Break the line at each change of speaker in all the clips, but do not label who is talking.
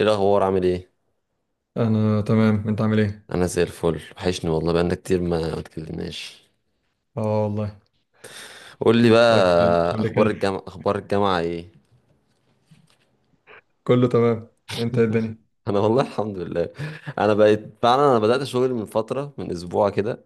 ايه الاخبار، عامل ايه؟
انا تمام، انت عامل ايه؟
انا زي الفل، وحشني والله، بقالنا كتير ما اتكلمناش.
اه والله.
قول لي بقى،
ما اتكلمناش قبل
اخبار
كده.
الجامعه اخبار الجامعه ايه؟
كله تمام. انت إيه الدنيا؟
انا والله الحمد لله. انا بقيت فعلا، انا بدات شغل من فتره، من اسبوع كده،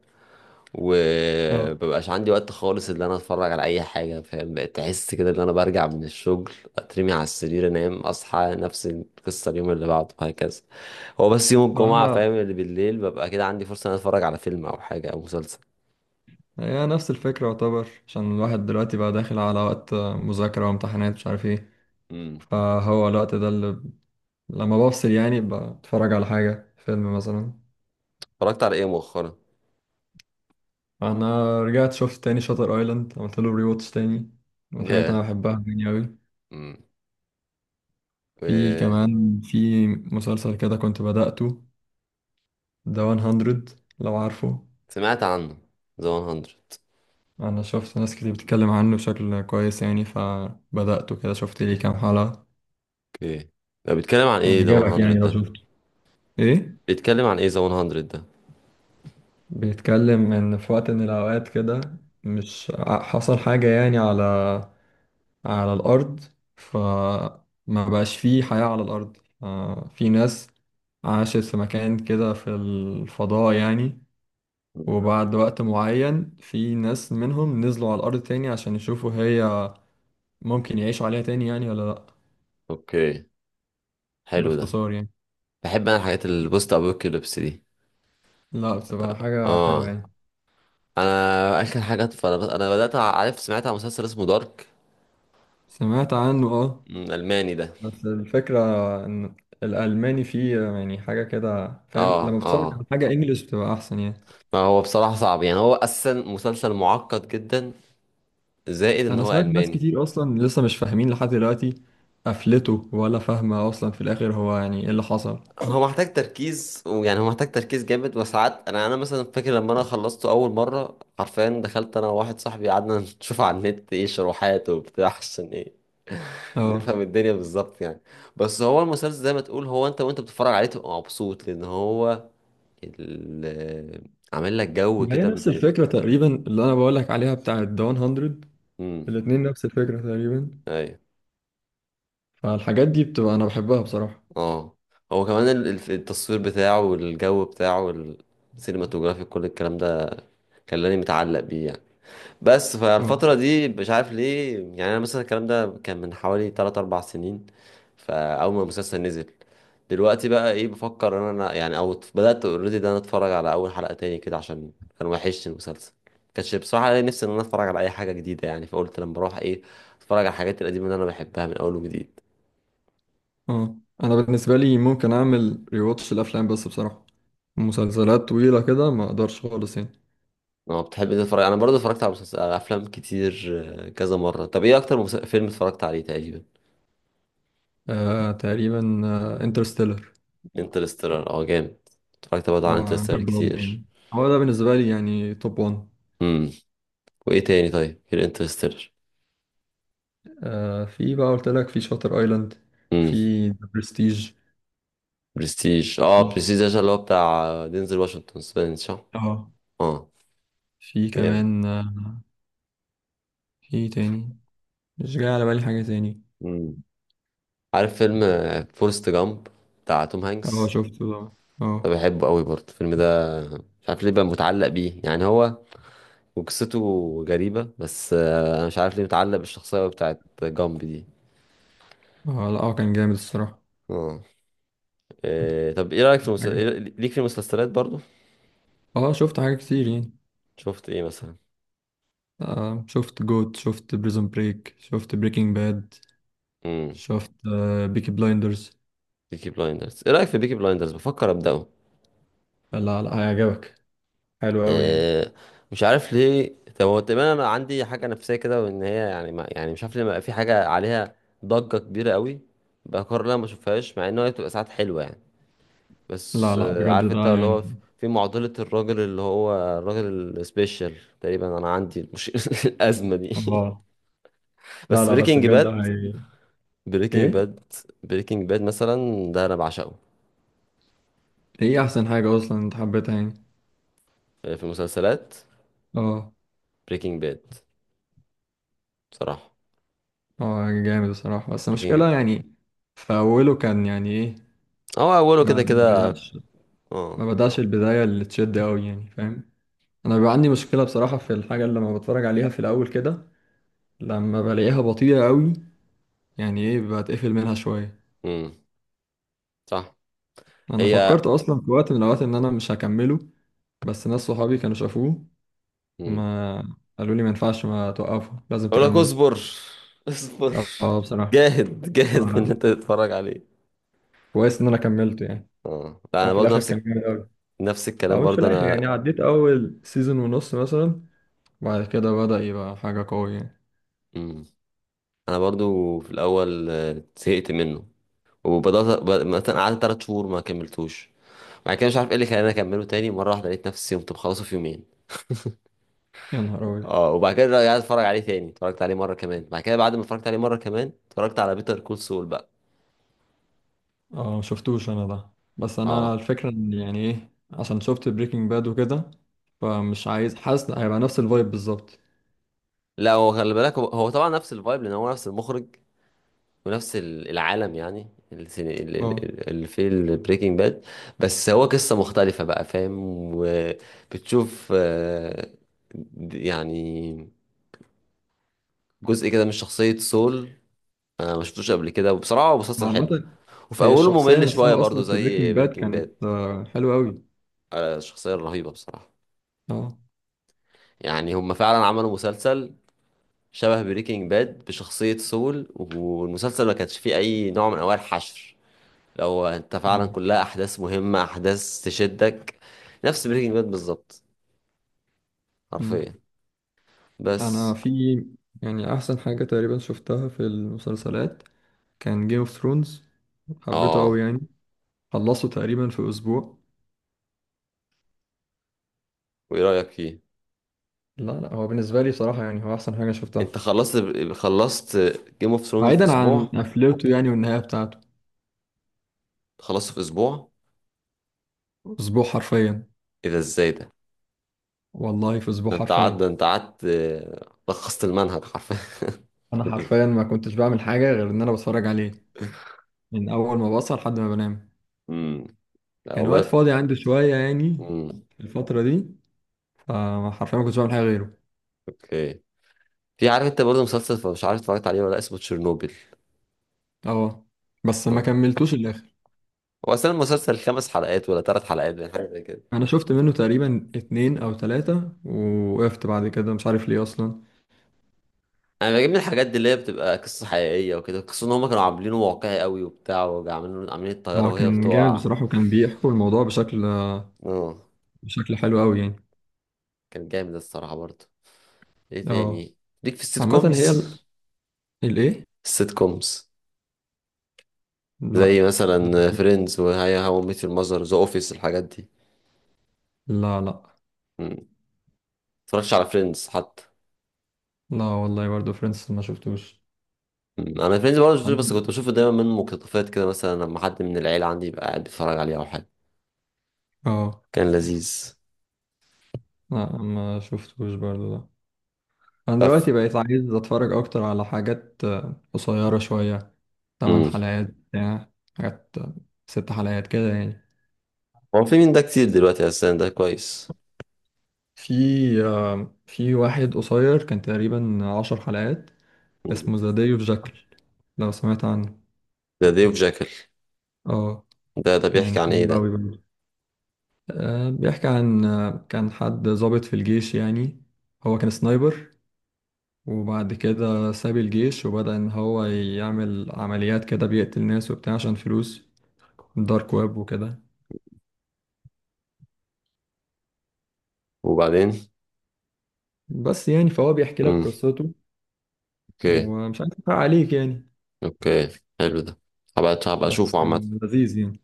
اه.
ومبقاش عندي وقت خالص ان انا اتفرج على اي حاجه، فاهم؟ بقيت احس كده ان انا برجع من الشغل، اترمي على السرير، انام، اصحى، نفس القصه اليوم اللي بعده، وهكذا. هو بس يوم
هو
الجمعه،
انا
فاهم، اللي بالليل ببقى كده عندي فرصه ان انا اتفرج على فيلم او حاجه او مسلسل.
هي نفس الفكره يعتبر، عشان الواحد دلوقتي بقى داخل على وقت مذاكره وامتحانات، مش عارف ايه.
امم.
فهو الوقت ده اللي لما بفصل يعني بتفرج على حاجه، فيلم مثلا.
اتفرجت على ايه مؤخرا؟
انا رجعت شفت تاني شاتر ايلاند، عملت له ري واتش تاني. من الحاجات اللي
ياه.
انا بحبها يعني قوي.
امم.
في كمان في مسلسل كده كنت بدأته، ذا 100، لو عارفه.
سمعت عنه ذا 100.
انا شفت ناس كتير بتتكلم عنه بشكل كويس يعني، فبدأته كده شفت ليه كام حلقة.
اوكي، ده بيتكلم عن ايه
يعني
ذا
عجبك
100
يعني لو
ده؟
شفته. ايه.
بيتكلم عن ايه ذا 100 ده؟
بيتكلم ان في وقت من الاوقات كده، مش ع- حصل حاجة يعني على الارض، فما بقاش فيه حياة على الارض. آه، في ناس عاشت في مكان كده في الفضاء يعني، وبعد وقت معين في ناس منهم نزلوا على الارض تاني عشان يشوفوا هي ممكن يعيشوا عليها تاني يعني ولا لا.
اوكي، حلو ده.
باختصار يعني.
بحب انا الحاجات البوست ابوكاليبس دي.
لا، بصراحة حاجة حلوة
اه،
يعني.
انا اخر حاجات، فانا انا بدات، عارف، سمعت عن مسلسل اسمه دارك.
سمعت عنه، اه.
أمم، الماني ده.
بس الفكرة ان الألماني فيه يعني حاجة كده فاهم،
اه
لما بتتفرج على
اه.
حاجة انجلش بتبقى أحسن يعني.
فهو بصراحه صعب، يعني هو اساسا مسلسل معقد جدا، زائد ان
أنا
هو
سمعت ناس
الماني.
كتير أصلا لسه مش فاهمين لحد دلوقتي قفلته، ولا فاهمة أصلا في الآخر هو يعني إيه اللي حصل.
هو محتاج تركيز، ويعني هو محتاج تركيز جامد. وساعات انا مثلا فاكر لما انا خلصته اول مره، حرفيا دخلت انا وواحد صاحبي قعدنا نشوف على النت ايه شروحات وبتاع، عشان ايه،
اه.
نفهم الدنيا بالظبط يعني. بس هو المسلسل زي ما تقول، هو انت وانت بتتفرج عليه تبقى مبسوط، لان هو ال- عامل لك جو
ما هي
كده
نفس
من.
الفكرة تقريبا اللي أنا بقولك عليها، بتاعة داون هندرد.
امم.
الاتنين نفس الفكرة تقريبا.
ايوه.
فالحاجات دي بتبقى أنا بحبها بصراحة.
اه، هو كمان التصوير بتاعه والجو بتاعه، السينماتوجرافي، كل الكلام ده خلاني متعلق بيه يعني. بس
آه.
فالفترة دي مش عارف ليه، يعني أنا مثلا الكلام ده كان من حوالي 3 4 سنين، فأول ما المسلسل نزل. دلوقتي بقى إيه بفكر إن أنا، يعني أو بدأت أوريدي ده، أنا أتفرج على أول حلقة تاني كده عشان كان وحشني المسلسل. كانش بصراحة ليا نفسي إن أنا أتفرج على أي حاجة جديدة يعني، فقلت لما أروح إيه، أتفرج على الحاجات القديمة اللي أنا بحبها من أول وجديد.
اه، انا بالنسبه لي ممكن اعمل ريواتش الافلام، بس بصراحه مسلسلات طويله كده ما اقدرش خالص يعني.
أنا بتحب إيه تتفرج؟ أنا برضه اتفرجت على مسلسل، على أفلام كتير، آه، كذا مرة. طب إيه أكتر فيلم اتفرجت عليه تقريبا؟
آه تقريبا. انترستيلر.
انترستيلر، أه جامد. اتفرجت برضه
اه Interstellar.
على
آه، انا
انترستيلر
بحبه أوي
كتير.
يعني. هو ده بالنسبه لي يعني توب 1.
امم. وايه تاني طيب غير انترستيلر؟
آه، في بقى قلت لك في شاتر ايلاند.
امم.
في ذا برستيج.
برستيج، اه،
في
برستيج ده اللي هو بتاع دينزل واشنطن سبنس، صح؟
اه
اه،
في
جامد.
كمان آه. في تاني. مش جاي على بالي حاجه تاني.
امم. عارف فيلم فورست جامب بتاع توم
اه
هانكس؟
شفته ده.
ده
اه.
بحبه قوي برضه الفيلم ده، مش عارف ليه بقى متعلق بيه يعني، هو وقصته غريبة. بس آه، انا مش عارف ليه متعلق بالشخصية بتاعت جامب دي.
اه لا، كان جامد الصراحه.
اه. إيه، طب ايه رأيك في
حاجه.
ليك في المسلسلات برضه؟
اه شفت حاجه كتير يعني.
شفت ايه مثلا؟
آه شفت جوت، شفت بريزون بريك، شفت بريكنج باد.
امم.
شفت بيكي بلايندرز.
بيكي بلايندرز، ايه رأيك في بيكي بلايندرز؟ بفكر أبدأه.
لا لا، هيعجبك. حلو قوي يعني.
آه، مش عارف ليه، طب هو تقريبا انا عندي حاجه نفسيه كده، وان هي يعني، ما يعني، مش عارف ليه، ما بقى في حاجه عليها ضجه كبيره قوي، بقرر إن انا ما اشوفهاش، مع ان هي بتبقى ساعات حلوه يعني.
لا
بس
لا،
آه،
بجد
عارف
ده
انت اللي هو،
يعني.
في معضله الراجل اللي هو الراجل السبيشال، تقريبا انا عندي مش الازمه دي
اه. لا
بس
لا، بس بجد هي.
بريكنج
ايه.
باد بريكنج باد مثلا ده انا بعشقه.
ايه احسن حاجة اصلا انت حبيتها يعني.
آه، في المسلسلات،
اه.
بريكنج باد بصراحه.
اه جامد الصراحة، بس
بريكنج،
المشكلة يعني في اوله كان يعني ايه.
هو اوله
ما
كده
ما
كده.
بدأش،
اه.
ما بدأش البداية اللي تشد قوي يعني فاهم. انا بيبقى عندي مشكلة بصراحة في الحاجة اللي لما بتفرج عليها في الاول كده لما بلاقيها بطيئة قوي، يعني ايه بتقفل منها شوية.
امم. صح.
انا
هي.
فكرت اصلا في وقت من الاوقات ان انا مش هكمله، بس ناس صحابي كانوا شافوه،
مم.
ما قالوا لي ما ينفعش ما توقفه لازم
اقول لك
تكمله.
اصبر، اصبر،
اه بصراحة،
جاهد جاهد في ان
آه،
انت تتفرج عليه.
كويس ان انا كملته يعني.
اه لا،
هو
انا
في
برضو
الاخر
نفس
كان جامد قوي،
نفس الكلام
او مش في
برضو
الاخر
انا.
يعني، عديت اول سيزون ونص مثلا، وبعد كده بدأ يبقى حاجة قوية يعني.
مم. انا برضو في الاول آه، زهقت منه، وبدات مثلا قعدت ثلاث شهور ما كملتوش، بعد كده مش عارف ايه اللي خلاني اكمله تاني مره واحده، لقيت نفسي قمت مخلصه في يومين.
يا نهار ابيض.
اه، وبعد كده رجعت اتفرج عليه تاني، اتفرجت عليه مره كمان، بعد كده بعد ما اتفرجت عليه مره كمان، اتفرجت على بيتر كول سول بقى.
اه، مشفتوش انا ده، بس انا
اه
الفكرة ان يعني ايه عشان شفت بريكنج باد وكده، فمش عايز، حاسس هيبقى نفس الفايب بالظبط.
لا، هو خلي بالك، هو طبعا نفس الفايب لان هو نفس المخرج ونفس العالم، يعني اللي
اه.
اللي في البريكنج باد. بس هو قصة مختلفة بقى، فاهم؟ وبتشوف آه، يعني جزء كده من شخصية سول آه، ما شفتوش قبل كده. وبصراحة هو مسلسل حلو،
عامة
وفي
هي
أوله
الشخصية
ممل شوية
نفسها
برضو
أصلا في
زي
بريكنج باد
بريكنج باد.
كانت حلوة أوي.
الشخصية الرهيبة بصراحة.
اه.
يعني هم فعلا عملوا مسلسل شبه بريكنج باد بشخصية سول، والمسلسل ما كانش فيه أي نوع من أنواع الحشر، لو انت فعلا
مم.
كلها احداث مهمة، احداث تشدك، نفس بريكنج باد بالظبط،
مم.
حرفيا.
أنا
بس
في يعني أحسن حاجة تقريبا شفتها في المسلسلات كان جيم اوف ثرونز، حبيته أوي
اه.
يعني. خلصته تقريبا في أسبوع.
وايه رأيك فيه؟
لا لا، هو بالنسبة لي بصراحة يعني هو أحسن حاجة
انت
شفتها،
خلصت جيم اوف ثرونز في
بعيدا عن
اسبوع؟
قفلته يعني والنهاية بتاعته.
خلصته في اسبوع؟
أسبوع حرفيا.
ايه ده؟ ازاي ده؟
والله في أسبوع
ده انت قعدت
حرفيا.
ده انت قعدت آه، لخصت المنهج حرفيا
أنا
في الأسبوع.
حرفيا ما كنتش بعمل حاجة غير إن أنا بتفرج عليه من أول ما بصحى لحد ما بنام.
امم. لا
كان
والله
وقت
ف...
فاضي عندي شوية يعني
امم.
في الفترة دي، فحرفيا ما كنتش بعمل حاجة غيره.
اوكي. في، عارف انت برضه مسلسل، فمش عارف اتفرجت عليه ولا لأ، اسمه تشيرنوبل؟
اه، بس ما كملتوش الآخر.
هو اصلا المسلسل خمس حلقات ولا ثلاث حلقات، يعني حاجه زي كده.
أنا شفت منه تقريبا اتنين أو تلاتة ووقفت بعد كده، مش عارف ليه أصلا.
انا بجيب من الحاجات دي اللي هي بتبقى قصه حقيقيه وكده، قصه ان هم كانوا عاملينه واقعي قوي وبتاع، وعاملين عاملين الطياره
هو
وهي
كان جامد
بتقع.
بصراحة، وكان بيحكوا الموضوع
اه،
بشكل حلو أوي يعني.
كان جامد الصراحه برضه. ايه
اه.
تاني؟ ليك في السيت
عامة هي
كومز؟
الإيه؟
السيت كومز، زي
لأ.
مثلا
ده-
فريندز وهاي هاو ميت يور ماذر، ذا اوفيس، الحاجات دي.
لا لأ.
مم. متفرجش على فريندز حتى؟
لا والله برضه فريندز ما شفتوش.
مم. انا فريندز برضه شفتوش، بس
عن-
كنت بشوفه دايما من مقتطفات كده، مثلا لما حد من العيله عندي يبقى قاعد بيتفرج عليه او حاجه.
اه
كان لذيذ.
لا، ما شفتوش برضه، لا. أنا
طب.
دلوقتي بقيت عايز أتفرج أكتر على حاجات قصيرة شوية، تمن
مم.
حلقات بتاع، حاجات، 6 حلقات كده يعني.
هو في مين ده كتير دلوقتي اساسا، ده كويس.
في في واحد قصير كان تقريبا 10 حلقات، اسمه ذا داي اوف جاكل، لو سمعت عنه.
ده ديف جاكل؟
اه.
ده بيحكي
يعني
عن ايه
حلو
ده؟
قوي برضه. آه، بيحكي عن كان حد ضابط في الجيش يعني، هو كان سنايبر، وبعد كده ساب الجيش وبدأ إن هو يعمل عمليات كده بيقتل ناس وبتاع عشان فلوس، دارك ويب وكده.
وبعدين.
بس يعني فهو بيحكي لك
امم.
قصته،
اوكي.
ومش عايز أحرق عليك يعني،
اوكي، حلو ده. هبقى
بس
اشوفه عامة.
كان لذيذ يعني.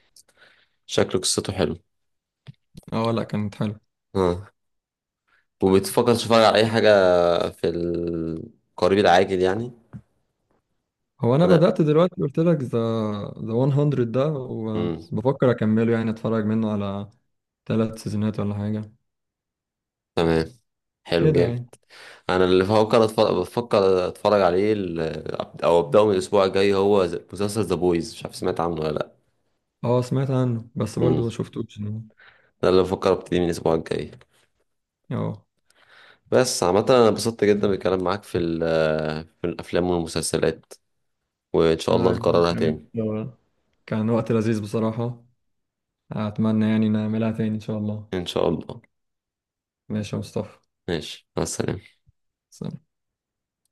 شكله قصته حلو.
اه لا، كانت حلوة.
اه. وبتفكر تتفرج على اي حاجة في القريب العاجل يعني؟
هو انا
انا.
بدأت دلوقتي قلت لك ذا 100 ده
امم.
وبفكر اكمله، يعني اتفرج منه على 3 سيزونات ولا حاجة
تمام. حلو
كده
جامد.
يعني.
انا اللي بفكر اتفرج عليه او ابداه من الاسبوع الجاي، هو مسلسل ذا بويز، مش عارف سمعت عنه ولا لا.
اه سمعت عنه بس برضو
امم.
ما شفتوش يعني.
ده اللي بفكر ابتدي من الاسبوع الجاي.
اه.
بس عامة انا انبسطت جدا بالكلام معاك في ال... في الافلام والمسلسلات، وإن شاء الله
يعني
نكررها تاني.
كان كان وقت لذيذ بصراحة. اتمنى يعني نعملها تاني ان شاء الله.
إن شاء الله.
ماشي يا مصطفى.
ماشي مع السلامة.
سلام.